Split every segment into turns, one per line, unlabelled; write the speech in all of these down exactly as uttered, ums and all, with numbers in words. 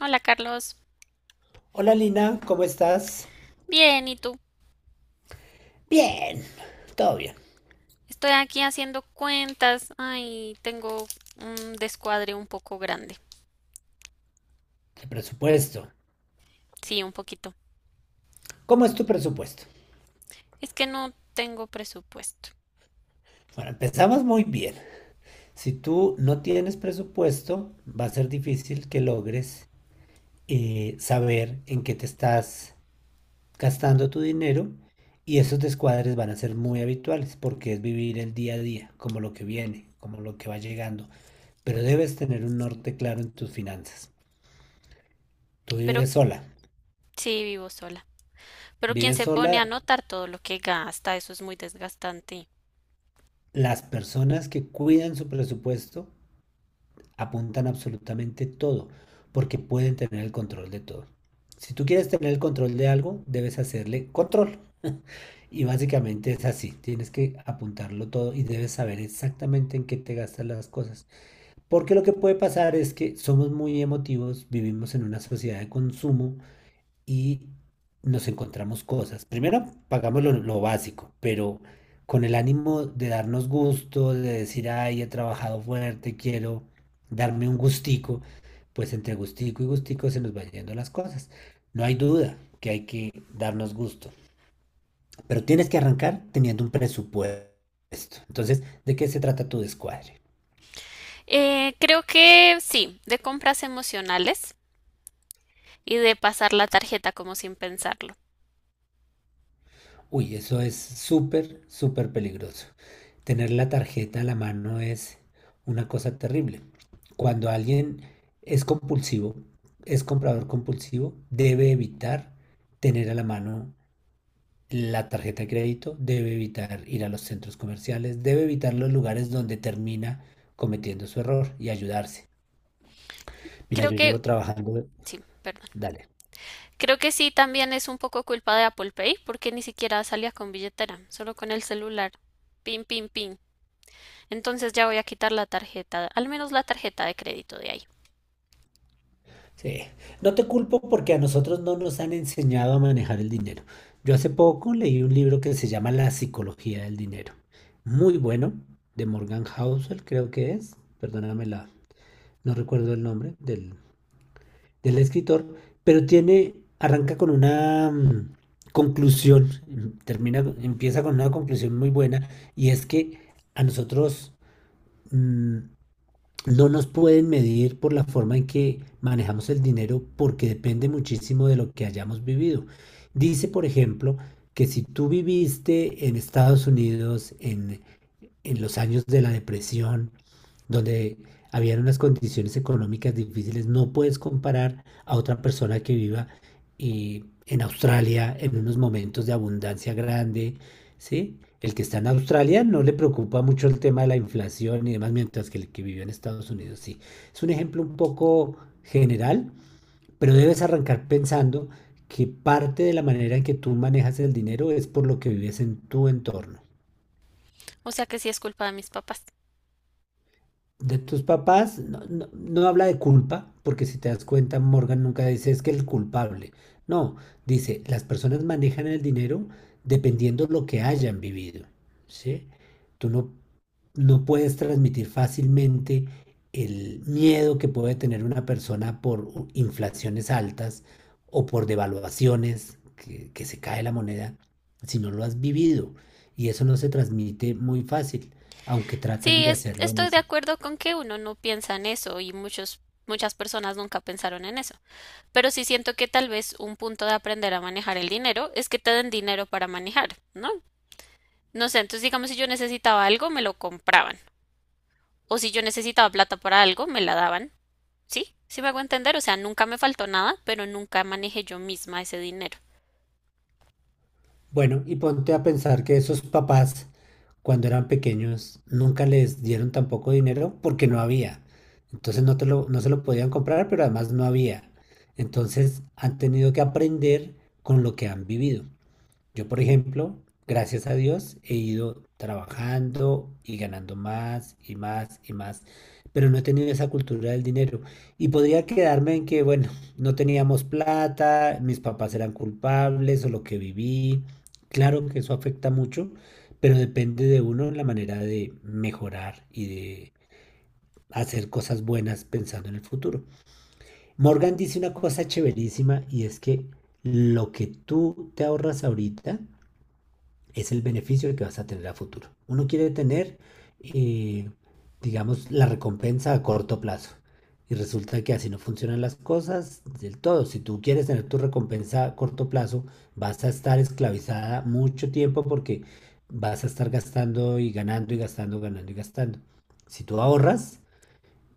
Hola Carlos,
Hola Lina, ¿cómo estás?
bien, ¿y tú?
Bien, todo bien.
Estoy aquí haciendo cuentas. Ay, tengo un descuadre un poco grande.
El presupuesto.
Sí, un poquito.
¿Cómo es tu presupuesto?
Es que no tengo presupuesto,
Bueno, empezamos muy bien. Si tú no tienes presupuesto, va a ser difícil que logres eh, saber en qué te estás gastando tu dinero y esos descuadres van a ser muy habituales porque es vivir el día a día, como lo que viene, como lo que va llegando. Pero debes tener un norte claro en tus finanzas. Tú
pero
vives sola.
sí vivo sola. Pero quien
Vives
se
sola.
pone a anotar todo lo que gasta, eso es muy desgastante.
Las personas que cuidan su presupuesto apuntan absolutamente todo, porque pueden tener el control de todo. Si tú quieres tener el control de algo, debes hacerle control. Y básicamente es así, tienes que apuntarlo todo y debes saber exactamente en qué te gastas las cosas. Porque lo que puede pasar es que somos muy emotivos, vivimos en una sociedad de consumo y nos encontramos cosas. Primero pagamos lo, lo básico, pero con el ánimo de darnos gusto, de decir, ay, he trabajado fuerte, quiero darme un gustico, pues entre gustico y gustico se nos van yendo las cosas. No hay duda que hay que darnos gusto, pero tienes que arrancar teniendo un presupuesto. Entonces, ¿de qué se trata tu descuadre?
Eh, creo que sí, de compras emocionales y de pasar la tarjeta como sin pensarlo.
Uy, eso es súper, súper peligroso. Tener la tarjeta a la mano es una cosa terrible. Cuando alguien es compulsivo, es comprador compulsivo, debe evitar tener a la mano la tarjeta de crédito, debe evitar ir a los centros comerciales, debe evitar los lugares donde termina cometiendo su error y ayudarse. Mira,
Creo
yo llevo
que
trabajando,
sí, perdón.
dale.
Creo que sí, también es un poco culpa de Apple Pay, porque ni siquiera salía con billetera, solo con el celular. Pin, pin, pin. Entonces ya voy a quitar la tarjeta, al menos la tarjeta de crédito de ahí.
Sí, no te culpo porque a nosotros no nos han enseñado a manejar el dinero. Yo hace poco leí un libro que se llama La psicología del dinero. Muy bueno, de Morgan Housel, creo que es. Perdóname la, no recuerdo el nombre del, del escritor, pero tiene, arranca con una mm, conclusión, mm, termina, empieza con una conclusión muy buena, y es que a nosotros mm, no nos pueden medir por la forma en que manejamos el dinero porque depende muchísimo de lo que hayamos vivido. Dice, por ejemplo, que si tú viviste en Estados Unidos, en en los años de la depresión, donde habían unas condiciones económicas difíciles, no puedes comparar a otra persona que viva eh, en Australia en unos momentos de abundancia grande, ¿sí? El que está en Australia no le preocupa mucho el tema de la inflación y demás, mientras que el que vivió en Estados Unidos sí. Es un ejemplo un poco general, pero debes arrancar pensando que parte de la manera en que tú manejas el dinero es por lo que vives en tu entorno.
O sea que sí es culpa de mis papás.
De tus papás no, no- no habla de culpa, porque si te das cuenta, Morgan nunca dice es que el culpable. No, dice, las personas manejan el dinero dependiendo lo que hayan vivido, ¿sí? Tú no, no puedes transmitir fácilmente el miedo que puede tener una persona por u- inflaciones altas o por devaluaciones, que, que se cae la moneda, si no lo has vivido. Y eso no se transmite muy fácil, aunque tratan
Sí,
de
es-
hacerlo en
estoy de
ese.
acuerdo con que uno no piensa en eso y muchos, muchas personas nunca pensaron en eso. Pero sí siento que tal vez un punto de aprender a manejar el dinero es que te den dinero para manejar, ¿no? No sé, entonces digamos si yo necesitaba algo, me lo compraban. O si yo necesitaba plata para algo, me la daban. Sí, sí me hago entender, o sea, nunca me faltó nada, pero nunca manejé yo misma ese dinero.
Bueno, y ponte a pensar que esos papás, cuando eran pequeños, nunca les dieron tampoco dinero porque no había. Entonces no te lo, no se lo podían comprar, pero además no había. Entonces han tenido que aprender con lo que han vivido. Yo, por ejemplo, gracias a Dios, he ido trabajando y ganando más y más y más, pero no he tenido esa cultura del dinero. Y podría quedarme en que, bueno, no teníamos plata, mis papás eran culpables o lo que viví. Claro que eso afecta mucho, pero depende de uno la manera de mejorar y de hacer cosas buenas pensando en el futuro. Morgan dice una cosa chéverísima y es que lo que tú te ahorras ahorita, es el beneficio que vas a tener a futuro. Uno quiere tener, eh, digamos, la recompensa a corto plazo. Y resulta que así no funcionan las cosas del todo. Si tú quieres tener tu recompensa a corto plazo, vas a estar esclavizada mucho tiempo porque vas a estar gastando y ganando y gastando, ganando y gastando. Si tú ahorras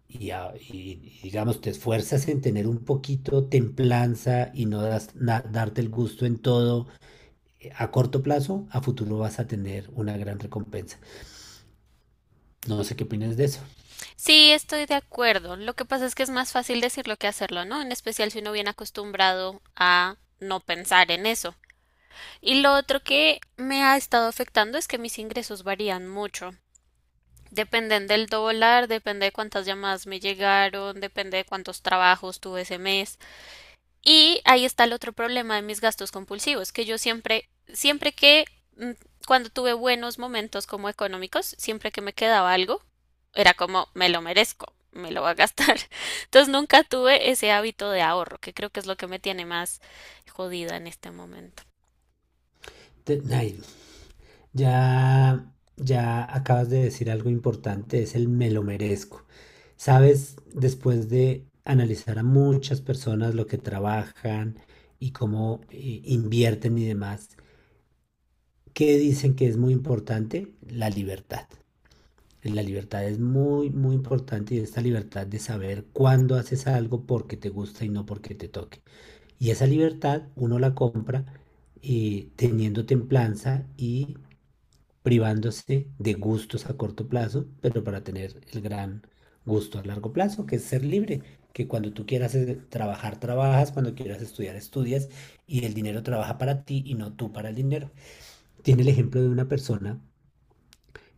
y, a- y- y, digamos, te esfuerzas en tener un poquito templanza y no das- na- darte el gusto en todo eh, a corto plazo, a futuro vas a tener una gran recompensa. No sé qué opinas de eso.
Sí, estoy de acuerdo. Lo que pasa es que es más fácil decirlo que hacerlo, ¿no? En especial si uno viene acostumbrado a no pensar en eso. Y lo otro que me ha estado afectando es que mis ingresos varían mucho. Dependen del dólar, depende de cuántas llamadas me llegaron, depende de cuántos trabajos tuve ese mes. Y ahí está el otro problema de mis gastos compulsivos, que yo siempre, siempre que, mm, cuando tuve buenos momentos como económicos, siempre que me quedaba algo, era como, me lo merezco, me lo voy a gastar. Entonces nunca tuve ese hábito de ahorro, que creo que es lo que me tiene más jodida en este momento.
Te- Nail, ya, ya acabas de decir algo importante, es el me lo merezco. Sabes, después de analizar a muchas personas lo que trabajan y cómo eh, invierten y demás, ¿qué dicen que es muy importante? La libertad. La libertad es muy, muy importante y esta libertad de saber cuándo haces algo porque te gusta y no porque te toque. Y esa libertad uno la compra eh, teniendo templanza y privándose de gustos a corto plazo, pero para tener el gran gusto a largo plazo, que es ser libre, que cuando tú quieras eh, trabajar, trabajas, cuando quieras estudiar, estudias, y el dinero trabaja para ti y no tú para el dinero. Tiene el ejemplo de una persona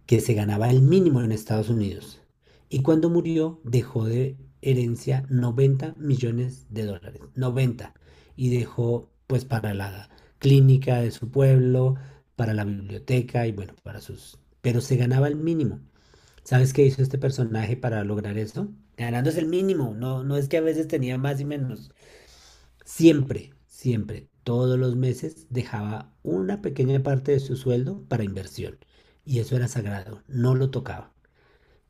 que se ganaba el mínimo en Estados Unidos. Y cuando murió dejó de herencia noventa millones de dólares, noventa. Y dejó pues para la clínica de su pueblo, para la biblioteca y bueno, para sus... Pero se ganaba el mínimo. ¿Sabes qué hizo este personaje para lograr eso? Ganándose el mínimo, no, no es que a veces tenía más y menos. Siempre, siempre, todos los meses dejaba una pequeña parte de su sueldo para inversión. Y eso era sagrado, no lo tocaba.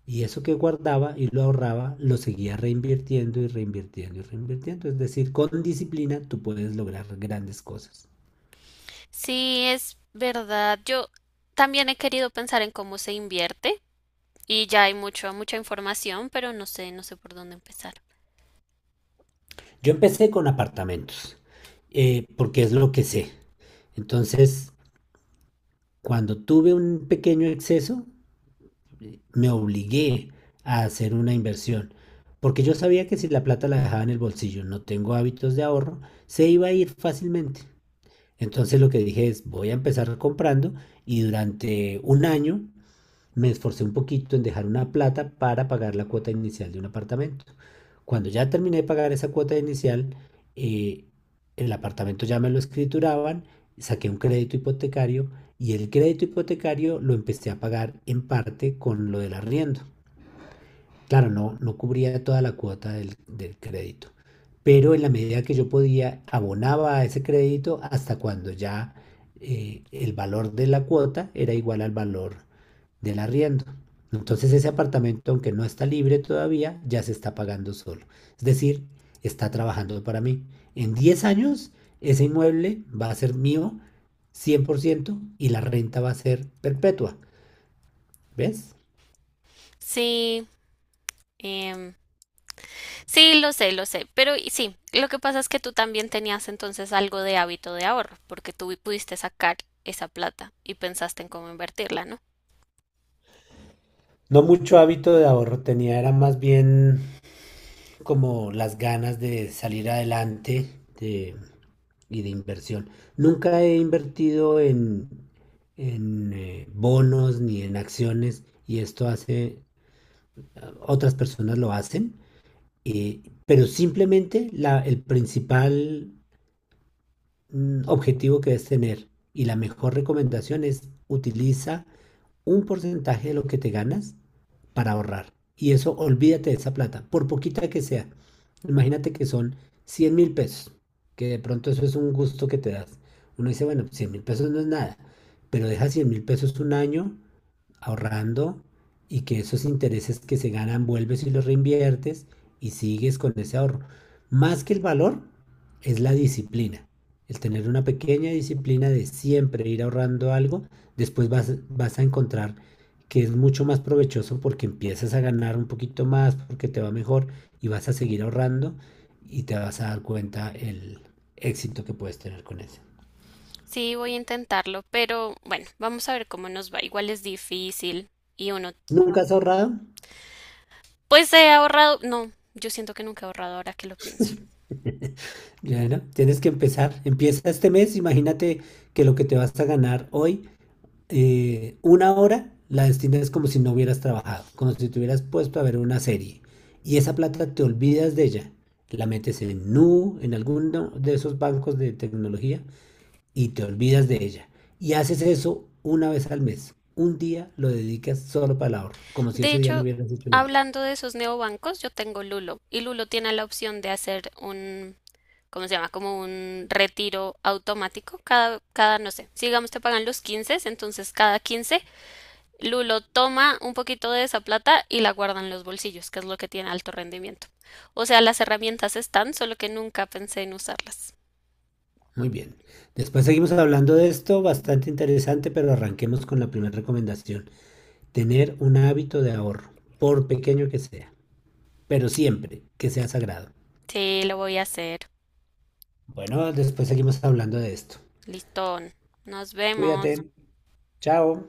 Y eso que guardaba y lo ahorraba, lo seguía reinvirtiendo y reinvirtiendo y reinvirtiendo. Es decir, con disciplina tú puedes lograr grandes cosas.
Sí, es verdad. Yo también he querido pensar en cómo se invierte y ya hay mucho, mucha información, pero no sé, no sé por dónde empezar.
Yo empecé con apartamentos, eh, porque es lo que sé. Entonces, cuando tuve un pequeño exceso, me obligué a hacer una inversión. Porque yo sabía que si la plata la dejaba en el bolsillo, no tengo hábitos de ahorro, se iba a ir fácilmente. Entonces lo que dije es, voy a empezar comprando y durante un año me esforcé un poquito en dejar una plata para pagar la cuota inicial de un apartamento. Cuando ya terminé de pagar esa cuota inicial, eh, el apartamento ya me lo escrituraban, saqué un crédito hipotecario y el crédito hipotecario lo empecé a pagar en parte con lo del arriendo. Claro, no, no cubría toda la cuota del, del crédito, pero en la medida que yo podía, abonaba a ese crédito hasta cuando ya eh, el valor de la cuota era igual al valor del arriendo. Entonces ese apartamento, aunque no está libre todavía, ya se está pagando solo. Es decir, está trabajando para mí. En diez años, ese inmueble va a ser mío cien por ciento y la renta va a ser perpetua. ¿Ves?
Sí, em, sí, lo sé, lo sé, pero y- sí, lo que pasa es que tú también tenías entonces algo de hábito de ahorro, porque tú vi- pudiste sacar esa plata y pensaste en cómo invertirla, ¿no?
No mucho hábito de ahorro tenía, era más bien como las ganas de salir adelante de- y de inversión. Nunca he invertido en, en eh, bonos ni en acciones y esto hace otras personas lo hacen, eh, pero simplemente la, el principal mm, objetivo que debes tener y la mejor recomendación es utiliza un porcentaje de lo que te ganas para ahorrar. Y eso, olvídate de esa plata, por poquita que sea. Imagínate que son cien mil pesos, que de pronto eso es un gusto que te das. Uno dice, bueno, cien mil pesos no es nada, pero deja cien mil pesos un año ahorrando y que esos intereses que se ganan vuelves y los reinviertes y sigues con ese ahorro. Más que el valor es la disciplina, el tener una pequeña disciplina de siempre ir ahorrando algo, después vas, vas a encontrar que es mucho más provechoso porque empiezas a ganar un poquito más, porque te va mejor y vas a seguir ahorrando y te vas a dar cuenta el éxito que puedes tener con eso.
Sí, voy a intentarlo, pero bueno, vamos a ver cómo nos va. Igual es difícil y uno,
¿Nunca has ahorrado?
pues he ahorrado, no, yo siento que nunca he ahorrado ahora que lo pienso.
Ya, ¿no? Tienes que empezar. Empieza este mes. Imagínate que lo que te vas a ganar hoy, eh, una hora, la destinas como si no hubieras trabajado, como si te hubieras puesto a ver una serie. Y esa plata te olvidas de ella. La metes en Nu, en alguno de esos bancos de tecnología y te olvidas de ella. Y haces eso una vez al mes. Un día lo dedicas solo para el ahorro, como si
De
ese día no
hecho,
hubieras hecho nada.
hablando de esos neobancos, yo tengo Lulo y Lulo tiene la opción de hacer un ¿cómo se llama? Como un retiro automático. Cada, cada, no sé, si digamos te pagan los quince, entonces cada quince Lulo toma un poquito de esa plata y la guarda en los bolsillos, que es lo que tiene alto rendimiento. O sea, las herramientas están, solo que nunca pensé en usarlas.
Muy bien. Después seguimos hablando de esto, bastante interesante, pero arranquemos con la primera recomendación. Tener un hábito de ahorro, por pequeño que sea, pero siempre que sea sagrado.
Sí, lo voy a hacer.
Bueno, después seguimos hablando de esto.
Listón. Nos vemos.
Cuídate. Chao.